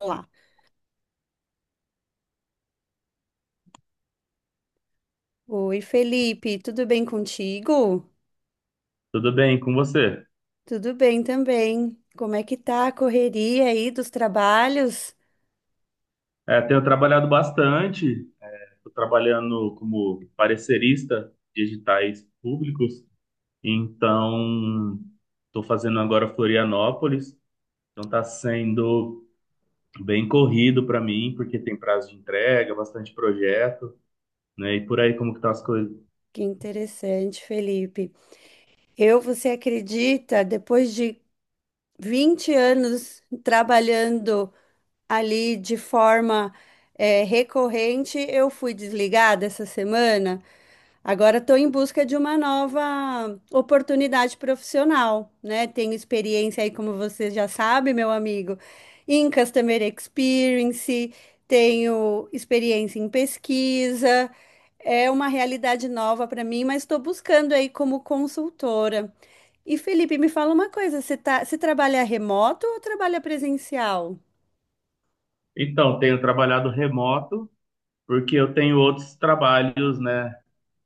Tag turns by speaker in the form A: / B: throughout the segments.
A: Olá. Oi, Felipe, tudo bem contigo?
B: Tudo bem com você?
A: Tudo bem também. Como é que tá a correria aí dos trabalhos?
B: É, tenho trabalhado bastante, estou trabalhando como parecerista de editais públicos, então estou fazendo agora Florianópolis, então está sendo bem corrido para mim, porque tem prazo de entrega, bastante projeto, né? E por aí como que estão as coisas?
A: Que interessante, Felipe. Eu, você acredita, depois de 20 anos trabalhando ali de forma recorrente, eu fui desligada essa semana. Agora estou em busca de uma nova oportunidade profissional, né? Tenho experiência aí, como você já sabe, meu amigo, em Customer Experience, tenho experiência em pesquisa, é uma realidade nova para mim, mas estou buscando aí como consultora. E Felipe, me fala uma coisa, você trabalha remoto ou trabalha presencial?
B: Então, tenho trabalhado remoto, porque eu tenho outros trabalhos, né?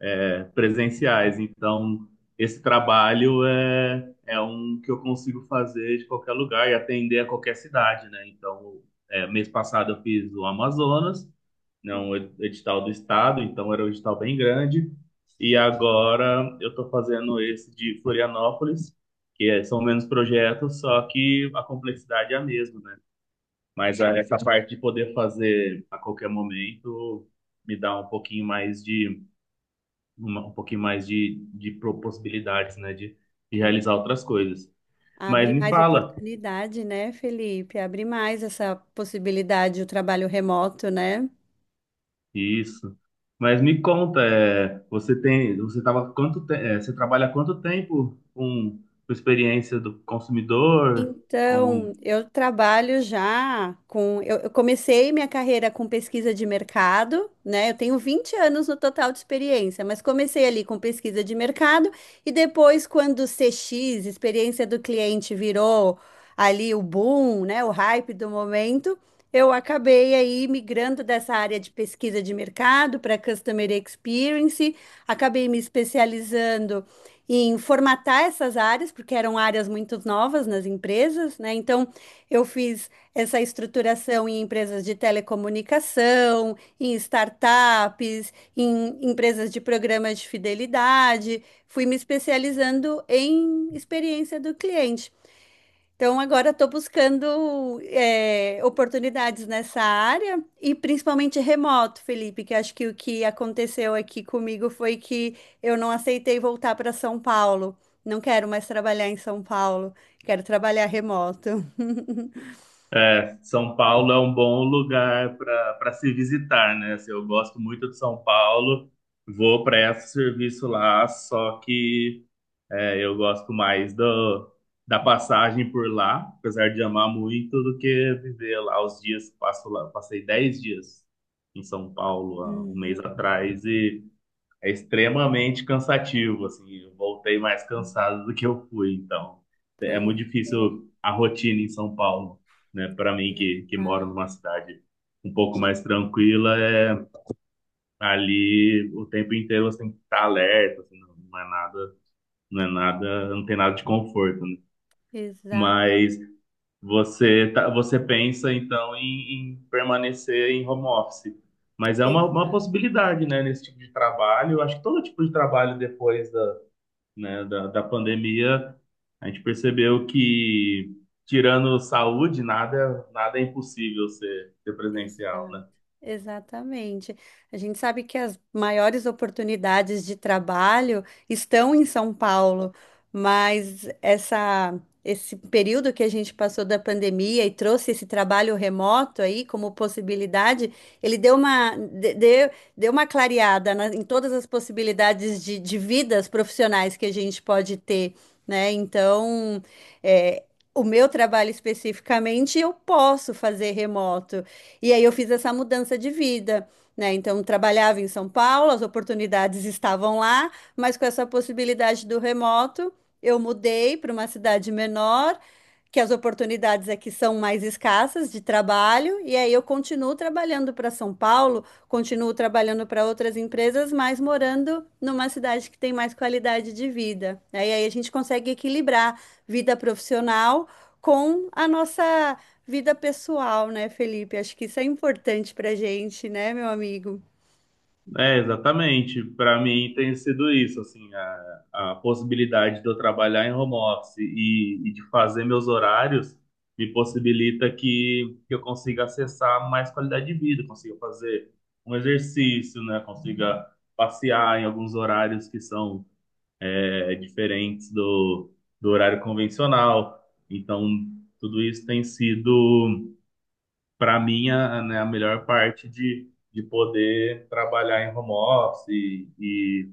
B: Presenciais. Então, esse trabalho é um que eu consigo fazer de qualquer lugar e atender a qualquer cidade, né? Então, mês passado eu fiz o Amazonas, né, um edital do estado, então era um edital bem grande. E agora eu estou fazendo esse de Florianópolis, que são menos projetos, só que a complexidade é a mesma, né? Mas essa parte de poder fazer a qualquer momento me dá um pouquinho mais de um pouquinho mais de possibilidades, né, de realizar outras coisas. Mas
A: Abre
B: me
A: mais
B: fala
A: oportunidade, né, Felipe? Abre mais essa possibilidade, o trabalho remoto, né?
B: isso. Mas me conta, é, você tem, você tava quanto te, é, você trabalha há quanto tempo com experiência do consumidor?
A: Então,
B: Com
A: eu trabalho já com. Eu comecei minha carreira com pesquisa de mercado, né? Eu tenho 20 anos no total de experiência, mas comecei ali com pesquisa de mercado e depois, quando o CX, experiência do cliente, virou ali o boom, né? O hype do momento, eu acabei aí migrando dessa área de pesquisa de mercado para Customer Experience, acabei me especializando em formatar essas áreas, porque eram áreas muito novas nas empresas, né? Então, eu fiz essa estruturação em empresas de telecomunicação, em startups, em empresas de programas de fidelidade, fui me especializando em experiência do cliente. Então, agora estou buscando oportunidades nessa área e principalmente remoto, Felipe, que acho que o que aconteceu aqui comigo foi que eu não aceitei voltar para São Paulo. Não quero mais trabalhar em São Paulo, quero trabalhar remoto.
B: São Paulo é um bom lugar para se visitar, né? Assim, eu gosto muito de São Paulo, vou para esse serviço lá, eu gosto mais da passagem por lá, apesar de amar muito, do que viver lá os dias que passo lá. Passei 10 dias em São Paulo há um mês
A: Uhum.
B: atrás e é extremamente cansativo, assim, eu voltei mais cansado do que eu fui, então é
A: Pois
B: muito
A: é,
B: difícil a rotina em São Paulo, né? Para mim que moro
A: exato.
B: numa cidade um pouco mais tranquila, ali o tempo inteiro você tem que estar alerta, assim, não é nada, não tem nada de conforto, né?
A: Exato.
B: Mas você pensa então em permanecer em home office. Mas é uma possibilidade, né, nesse tipo de trabalho. Eu acho que todo tipo de trabalho depois né, da pandemia, a gente percebeu que, tirando saúde, nada é impossível ser presencial,
A: Exato,
B: né?
A: exatamente. A gente sabe que as maiores oportunidades de trabalho estão em São Paulo, mas essa, esse período que a gente passou da pandemia e trouxe esse trabalho remoto aí como possibilidade, ele deu deu, deu uma em todas as possibilidades de vidas profissionais que a gente pode ter, né? Então, é, o meu trabalho especificamente eu posso fazer remoto. E aí eu fiz essa mudança de vida, né? Então trabalhava em São Paulo, as oportunidades estavam lá, mas com essa possibilidade do remoto, eu mudei para uma cidade menor que as oportunidades aqui são mais escassas de trabalho, e aí eu continuo trabalhando para São Paulo, continuo trabalhando para outras empresas, mas morando numa cidade que tem mais qualidade de vida. Aí a gente consegue equilibrar vida profissional com a nossa vida pessoal, né, Felipe? Acho que isso é importante para a gente, né, meu amigo?
B: É, exatamente. Para mim tem sido isso, assim, a possibilidade de eu trabalhar em home office e de fazer meus horários me possibilita que eu consiga acessar mais qualidade de vida, consiga fazer um exercício, né? Consiga passear em alguns horários que são diferentes do horário convencional. Então, tudo isso tem sido para mim, né, a melhor parte de poder trabalhar em home office e, e,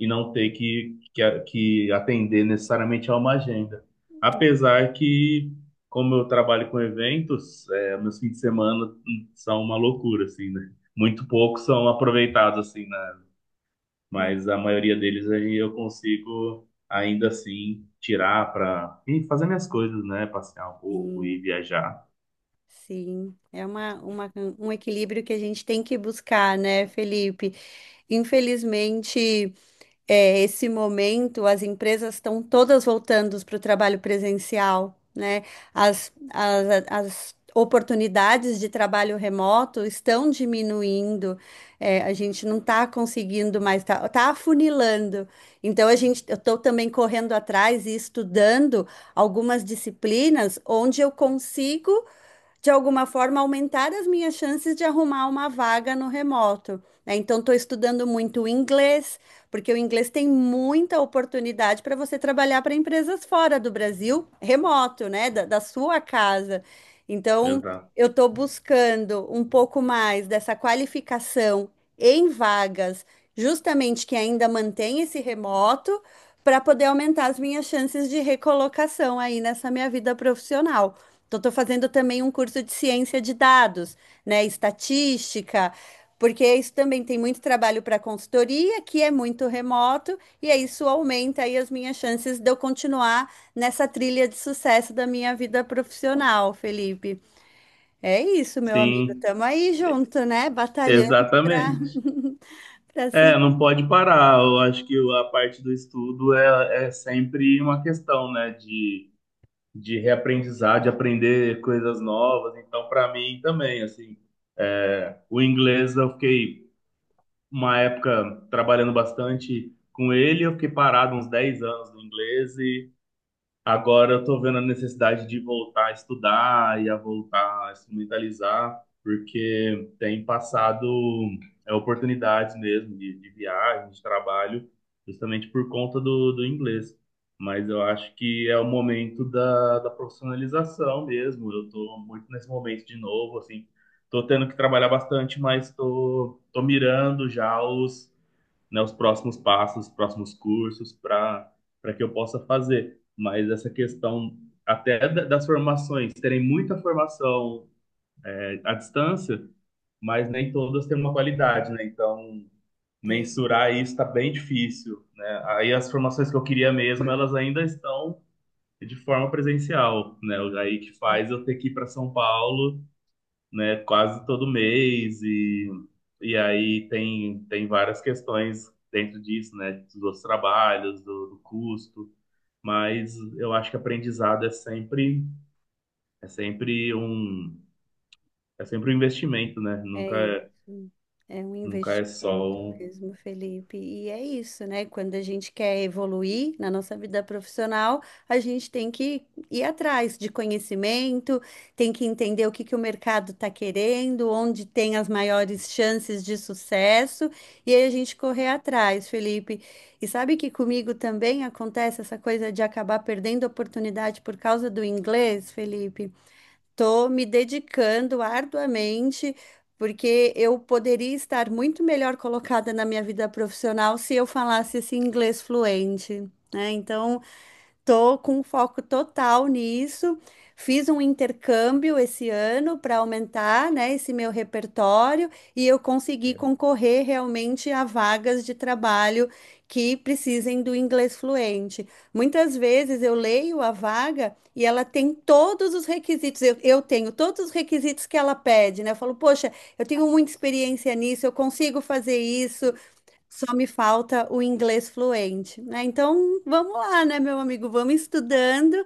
B: e não ter que atender necessariamente a uma agenda. Apesar que, como eu trabalho com eventos, meus fins de semana são uma loucura, assim, né? Muito poucos são aproveitados, assim, né? Mas a maioria deles aí eu consigo, ainda assim, tirar para fazer minhas coisas, né? Passear um pouco e
A: Sim,
B: viajar.
A: sim. É um equilíbrio que a gente tem que buscar, né, Felipe? Infelizmente. Esse momento, as empresas estão todas voltando para o trabalho presencial, né? As oportunidades de trabalho remoto estão diminuindo, a gente não está conseguindo mais, está tá afunilando. Então, eu estou também correndo atrás e estudando algumas disciplinas onde eu consigo de alguma forma, aumentar as minhas chances de arrumar uma vaga no remoto, né? Então, estou estudando muito o inglês, porque o inglês tem muita oportunidade para você trabalhar para empresas fora do Brasil, remoto, né? Da sua casa. Então,
B: Exato.
A: eu estou buscando um pouco mais dessa qualificação em vagas, justamente que ainda mantém esse remoto, para poder aumentar as minhas chances de recolocação aí nessa minha vida profissional. Então, estou fazendo também um curso de ciência de dados, né? Estatística, porque isso também tem muito trabalho para consultoria, que é muito remoto, e aí isso aumenta aí as minhas chances de eu continuar nessa trilha de sucesso da minha vida profissional, Felipe. É isso, meu amigo.
B: Sim,
A: Estamos aí junto, né? Batalhando para
B: exatamente.
A: para
B: É,
A: seguir.
B: não pode parar. Eu acho que a parte do estudo é sempre uma questão, né, de reaprendizar, de aprender coisas novas. Então, para mim também, assim, o inglês eu fiquei uma época trabalhando bastante com ele, eu fiquei parado uns 10 anos no inglês. Agora eu tô vendo a necessidade de voltar a estudar e a voltar a instrumentalizar, porque tem passado oportunidades mesmo de viagem, de trabalho, justamente por conta do inglês. Mas eu acho que é o momento da profissionalização mesmo. Eu tô muito nesse momento de novo, assim. Tô tendo que trabalhar bastante, mas tô mirando já os né, os próximos passos, os próximos cursos para que eu possa fazer. Mas essa questão até das formações, terem muita formação à distância, mas nem todas têm uma qualidade, né? Então, mensurar isso está bem difícil, né? Aí as formações que eu queria mesmo, elas ainda estão de forma presencial, né? Aí que faz eu ter que ir para São Paulo, né, quase todo mês e aí tem várias questões dentro disso, né, dos outros trabalhos, do custo, mas eu acho que aprendizado é sempre um é sempre um investimento, né?
A: É
B: Nunca é,
A: isso. É um
B: nunca é só
A: investimento
B: um.
A: mesmo, Felipe. E é isso, né? Quando a gente quer evoluir na nossa vida profissional, a gente tem que ir atrás de conhecimento, tem que entender o que que o mercado está querendo, onde tem as maiores chances de sucesso, e aí a gente correr atrás, Felipe. E sabe que comigo também acontece essa coisa de acabar perdendo oportunidade por causa do inglês, Felipe? Estou me dedicando arduamente, porque eu poderia estar muito melhor colocada na minha vida profissional se eu falasse esse inglês fluente, né? Então, tô com foco total nisso. Fiz um intercâmbio esse ano para aumentar, né, esse meu repertório e eu consegui
B: é,
A: concorrer realmente a vagas de trabalho que precisem do inglês fluente. Muitas vezes eu leio a vaga e ela tem todos os requisitos. Eu tenho todos os requisitos que ela pede, né? Eu falo, poxa, eu tenho muita experiência nisso, eu consigo fazer isso. Só me falta o inglês fluente, né? Então, vamos lá, né, meu amigo? Vamos estudando,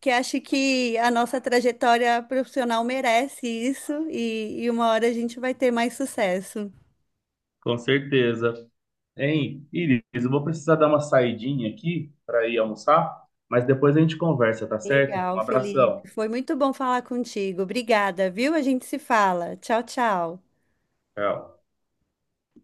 A: que acho que a nossa trajetória profissional merece isso e uma hora a gente vai ter mais sucesso.
B: com certeza. Hein, Iris, eu vou precisar dar uma saidinha aqui para ir almoçar, mas depois a gente conversa, tá certo? Um
A: Legal,
B: abração.
A: Felipe. Foi muito bom falar contigo. Obrigada, viu? A gente se fala. Tchau, tchau.
B: Tchau.